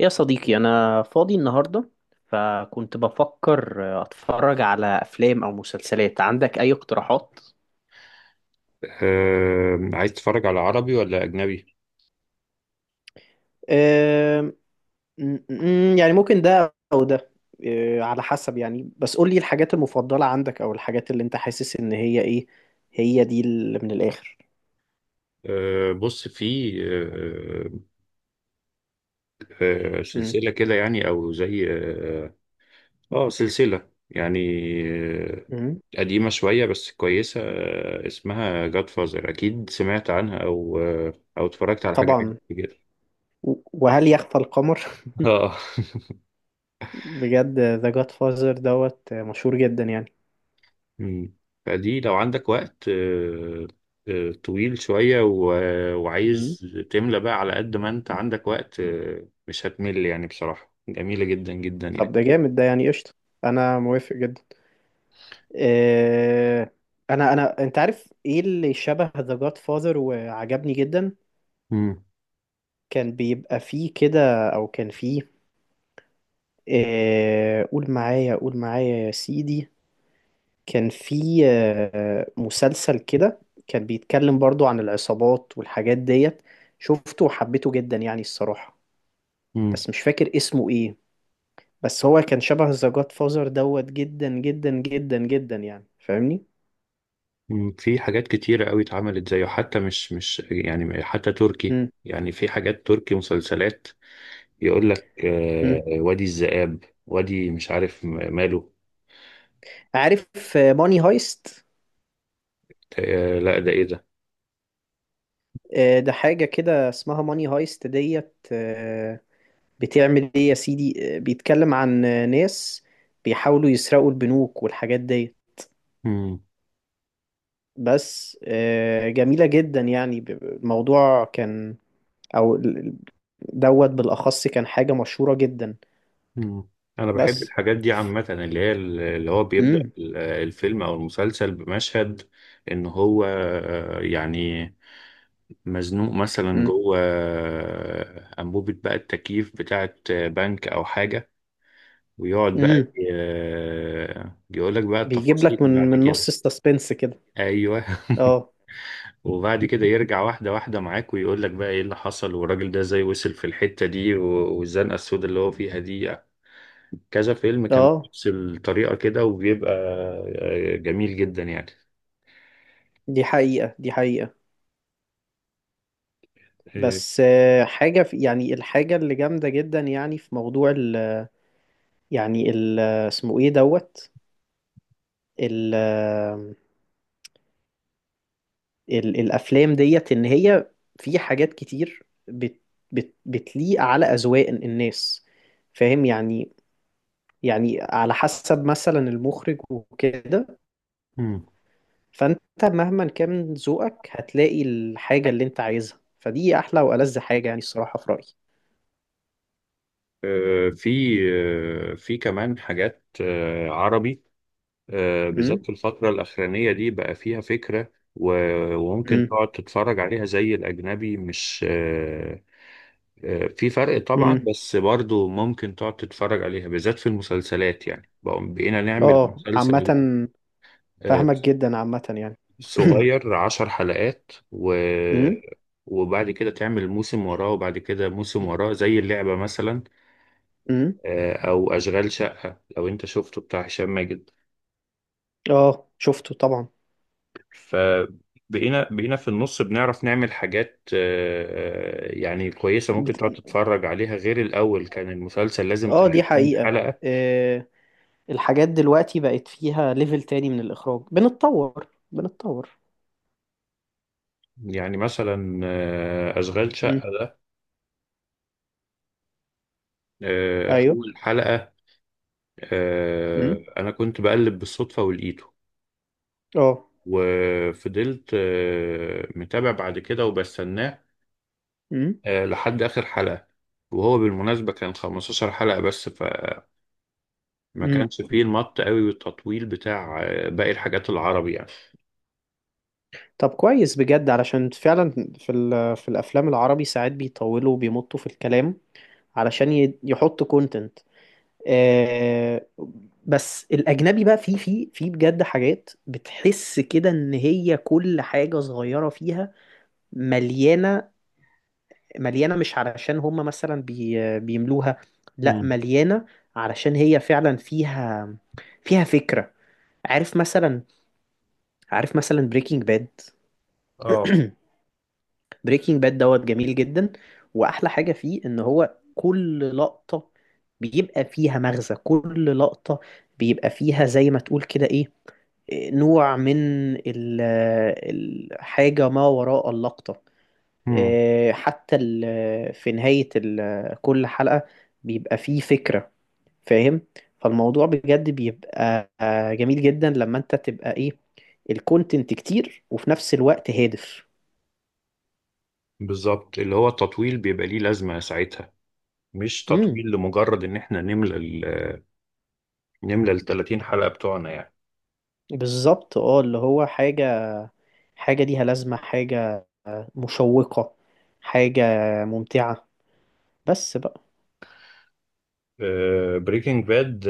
يا صديقي، أنا فاضي النهاردة، فكنت بفكر أتفرج على أفلام أو مسلسلات. عندك أي اقتراحات؟ عايز تتفرج على عربي ولا أجنبي؟ أم، أم، يعني ممكن ده او ده. على حسب يعني، بس قول لي الحاجات المفضلة عندك او الحاجات اللي انت حاسس ان هي ايه. هي دي اللي من الاخر. بص في أم. سلسلة كده يعني أو زي سلسلة يعني. آه، أم. قديمة شوية بس كويسة، اسمها جاد فازر، أكيد سمعت عنها أو أو اتفرجت على حاجة منها طبعا. كده. وهل يخفى القمر؟ آه بجد، ذا جاد فازر دوت مشهور جدا يعني. مم. فدي لو عندك وقت طويل شوية و- آه، أم. وعايز تملى بقى، على قد ما أنت عندك وقت مش هتمل يعني، بصراحة جميلة جدا جدا طب، يعني. ده جامد ده، يعني قشطة. انا موافق جدا. آه، انا انا انت عارف ايه اللي شبه ذا جاد فاذر وعجبني جدا. مم. كان بيبقى فيه كده، او كان فيه، قول معايا قول معايا يا سيدي، كان فيه مسلسل كده. كان بيتكلم برضو عن العصابات والحاجات ديت. شفته وحبيته جدا يعني، الصراحة. مم. بس مش فاكر اسمه ايه. بس هو كان شبه ذا جاد فاذر دوت جدا جدا جدا جدا يعني. فاهمني؟ مم. في حاجات كتيرة قوي اتعملت زيه، حتى مش يعني، حتى تركي مم. يعني، في حاجات تركي مسلسلات يقول لك مم. آه، وادي الذئاب، وادي مش عارف ماله. عارف ماني هايست؟ آه لا، ده ايه ده؟ ده حاجة كده اسمها ماني هايست ديت. بتعمل ايه يا سيدي؟ بيتكلم عن ناس بيحاولوا يسرقوا البنوك والحاجات ديت. مم. بس جميلة جدا يعني. الموضوع كان، او دوت بالأخص كان حاجة مشهورة جدا. مم. انا بحب بس. الحاجات دي عامة، اللي هي اللي هو بيبدأ امم. الفيلم او المسلسل بمشهد ان هو يعني مزنوق مثلا امم. جوه انبوبة بقى التكييف بتاعت بنك او حاجة، ويقعد بقى امم. يقول لك بقى بيجيب التفاصيل لك من بعد من نص كده. السسبنس كده. ايوه اه. وبعد كده يرجع واحده واحده معاك ويقول لك بقى ايه اللي حصل، والراجل ده ازاي وصل في الحته دي والزنقه السوداء اللي هو فيها دي. كذا فيلم كان اه. بنفس الطريقه كده، وبيبقى جميل جدا يعني. دي حقيقة. دي حقيقة. آه، بس حاجة في يعني، الحاجة اللي جامدة جدا يعني، في موضوع ال، يعني ال اسمه ايه دوت، ال ال الأفلام ديت، إن هي في حاجات كتير بت بتليق على أذواق الناس. فاهم يعني على حسب مثلا المخرج وكده. مم. فأنت مهما كان ذوقك هتلاقي الحاجة اللي أنت عايزها. فدي أحلى وألذ حاجة يعني، الصراحة، في رأيي. آه، في في كمان حاجات عربي، بالذات امم. في الفترة الأخرانية دي بقى فيها فكرة وممكن امم. تقعد تتفرج عليها زي الأجنبي. مش في فرق طبعا، امم. بس برضو ممكن تقعد تتفرج عليها، بالذات في المسلسلات يعني. بقينا نعمل اه. عامة، مسلسل آه، فاهمك جدا عامة يعني. صغير عشر حلقات، و امم. وبعد كده تعمل موسم وراه، وبعد كده موسم وراه، زي اللعبة مثلا، امم. أو أشغال شقة لو أنت شفته، بتاع هشام ماجد. اه. شفته طبعا. فبقينا في النص بنعرف نعمل حاجات يعني كويسة ممكن بت... تقعد تتفرج عليها، غير الأول كان المسلسل لازم اه، دي 30 حقيقة. حلقة. آه الحاجات دلوقتي بقت فيها ليفل تاني من الإخراج. بنتطور بنتطور. يعني مثلا أشغال امم. شقة ده، ايوه. أول حلقة امم. أنا كنت بقلب بالصدفة ولقيته، اه. وفضلت متابع بعد كده وبستناه امم. لحد آخر حلقة. وهو بالمناسبة كان 15 حلقة بس، ما امم. كانش فيه المط قوي والتطويل بتاع باقي الحاجات العربي يعني. طب كويس بجد، علشان فعلا في الأفلام العربي ساعات بيطولوا وبيمطوا في الكلام علشان يحطوا كونتنت. آه، بس الاجنبي بقى فيه بجد حاجات بتحس كده ان هي كل حاجه صغيره فيها مليانه. مليانه مش علشان هم مثلا بيملوها، لا، امم مليانه علشان هي فعلا فيها فكره. عارف مثلا عارف مثلا بريكنج باد؟ اه بريكنج باد دوت جميل جدا. واحلى حاجه فيه ان هو كل لقطه بيبقى فيها مغزى، كل لقطه بيبقى فيها زي ما تقول كده ايه، نوع من ال- الحاجة ما وراء اللقطة. امم حتى في نهاية كل حلقة بيبقى فيه فكرة، فاهم؟ فالموضوع بجد بيبقى جميل جدا لما انت تبقى ايه، الكونتنت كتير وفي نفس الوقت هادف. بالظبط، اللي هو التطويل بيبقى ليه لازمة ساعتها، مش امم. تطويل لمجرد ان احنا نملى ال آه، نملى ال 30 حلقة بتوعنا يعني. بالظبط اه، اللي هو حاجة ليها لازمة، حاجة مشوقة، حاجة ممتعة بس بقى. بريكنج باد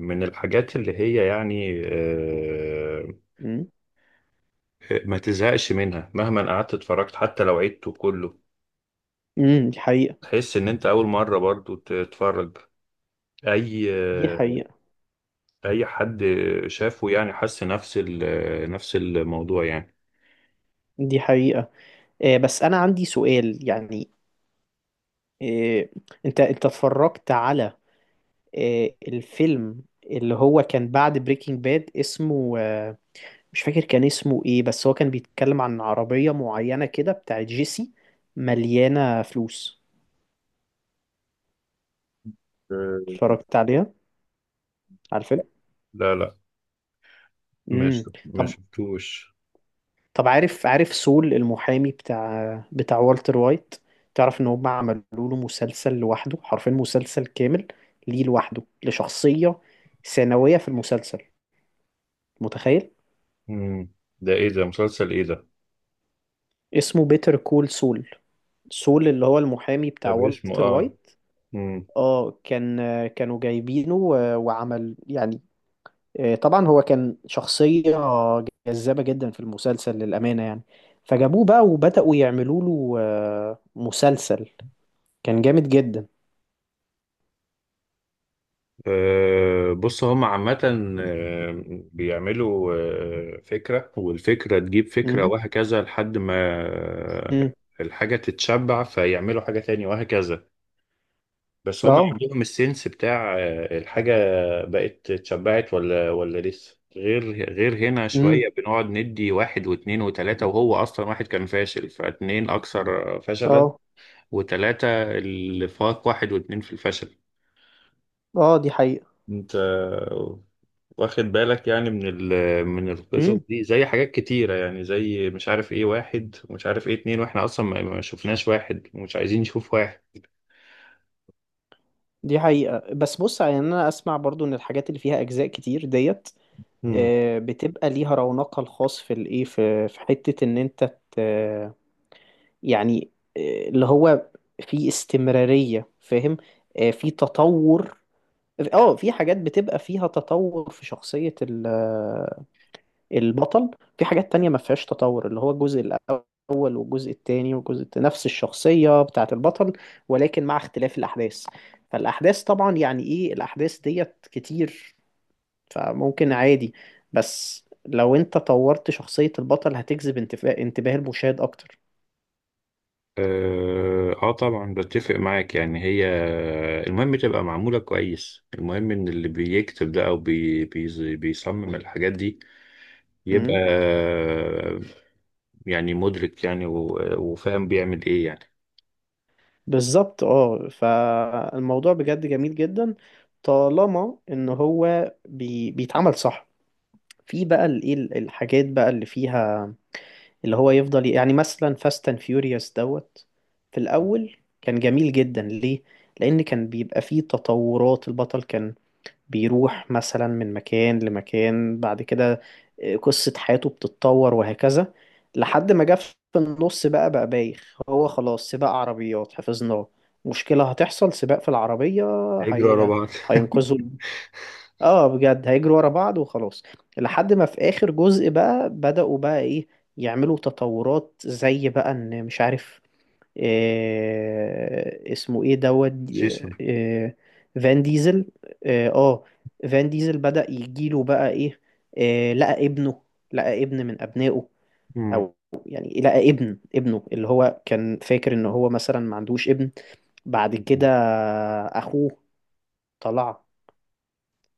من الحاجات اللي هي يعني امم. ما تزهقش منها مهما قعدت اتفرجت، حتى لو عدته كله امم، دي حقيقة. تحس ان انت اول مرة برضو تتفرج. اي دي آه، حقيقة. اي حد شافه يعني حس نفس نفس الموضوع يعني. دي حقيقة. بس انا عندي سؤال يعني. آه، انت اتفرجت على الفيلم اللي هو كان بعد بريكنج باد، اسمه مش فاكر كان اسمه ايه. بس هو كان بيتكلم عن عربية معينة كده بتاعت جيسي مليانة فلوس. آه اتفرجت عليها، على الفيلم؟ لا لا، امم. مش ما طب شفتوش. طب عارف سول المحامي بتاع والتر وايت؟ تعرف ان هم عملوا له مسلسل لوحده، حرفيا مسلسل كامل ليه لوحده لشخصية ثانوية في المسلسل، متخيل؟ مم. ده ايه ده؟ مسلسل ايه ده؟ اسمه بيتر كول سول. سول اللي هو المحامي ده بتاع باسمه والتر اه. وايت. مم. اه. كانوا جايبينه، وعمل يعني، طبعا هو كان شخصية جذابة جدا في المسلسل للأمانة يعني، فجابوه بقى وبدأوا يعملوا له مسلسل، كان جامد جدا. بص هم عامة آه، بيعملوا فكرة، والفكرة تجيب فكرة امم. وهكذا، لحد ما آه، امم. الحاجة تتشبع فيعملوا حاجة تانية وهكذا. بس هم اه. عندهم السنس بتاع الحاجة بقت اتشبعت ولا لسه، غير هنا امم. شوية بنقعد ندي واحد واتنين وتلاتة، وهو أصلا واحد كان فاشل، فاتنين أكثر فشلا، اه. وتلاتة اللي فاق واحد واتنين في الفشل. اه، دي حقيقة. أنت واخد بالك يعني من ال من القصص امم، دي، زي حاجات كتيرة يعني، زي مش عارف إيه واحد ومش عارف إيه اتنين، وإحنا أصلا ما شفناش واحد، ومش عايزين نشوف واحد. دي حقيقة. بس بص يعني، انا اسمع برضو ان الحاجات اللي فيها اجزاء كتير ديت مم. بتبقى ليها رونقها الخاص في الايه، في حتة ان انت ت- يعني اللي هو في استمرارية، فاهم؟ في تطور. اه، في حاجات بتبقى فيها تطور في شخصية البطل. في حاجات تانية ما فيهاش تطور، اللي هو الجزء الأول والجزء التاني والجزء نفس الشخصية بتاعة البطل ولكن مع اختلاف الأحداث. فالأحداث طبعا يعني ايه، الأحداث ديت كتير، فممكن عادي. بس لو انت طورت شخصية البطل هتجذب انتباه المشاهد اكتر. اه آه طبعا بتفق معاك يعني. هي المهم تبقى معمولة كويس، المهم ان اللي بيكتب ده او بي بي بيصمم الحاجات دي يبقى امم. يعني مدرك يعني وفاهم بيعمل ايه يعني. بالظبط اه، فالموضوع بجد جميل جدا طالما ان هو بيتعمل صح. في بقى الايه، الحاجات بقى اللي فيها اللي هو يفضل، يعني مثلا فاست اند فيوريوس دوت. في الاول كان جميل جدا ليه؟ لان كان بيبقى فيه تطورات. البطل كان بيروح مثلا من مكان لمكان، بعد كده قصة حياته بتتطور وهكذا، لحد ما جه في النص بقى بايخ. هو خلاص سباق عربيات، حفظناه. مشكلة هتحصل، سباق في العربية. هيجري ورا هي... بعض هينقذوا. اه بجد، هيجروا ورا بعض وخلاص. لحد ما في آخر جزء بقى، بدأوا بقى ايه، يعملوا تطورات زي بقى ان مش عارف اسمه ايه دوت. آه، جيسون. آه، فان ديزل. اه، فان ديزل بدأ يجيله بقى ايه، آه، لقى ابنه لقى ابن من ابنائه. مم. او يعني لقى ابن ابنه اللي هو كان فاكر ان هو مثلا ما عندوش ابن. بعد كده اخوه طلع،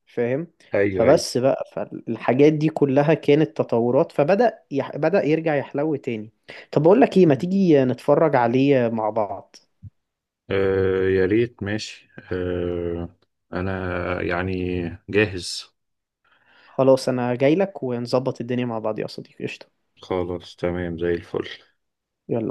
فاهم؟ ايوه ايوه. فبس بقى، فالحاجات دي كلها كانت تطورات. فبدأ يح... بدأ يرجع يحلو تاني. طب اقول لك ايه، ما تيجي نتفرج عليه مع بعض؟ آه يا ريت، ماشي آه. انا يعني جاهز. خلاص، انا جاي لك ونظبط الدنيا مع بعض يا صديقي. قشطة. خلاص تمام زي الفل. يلا.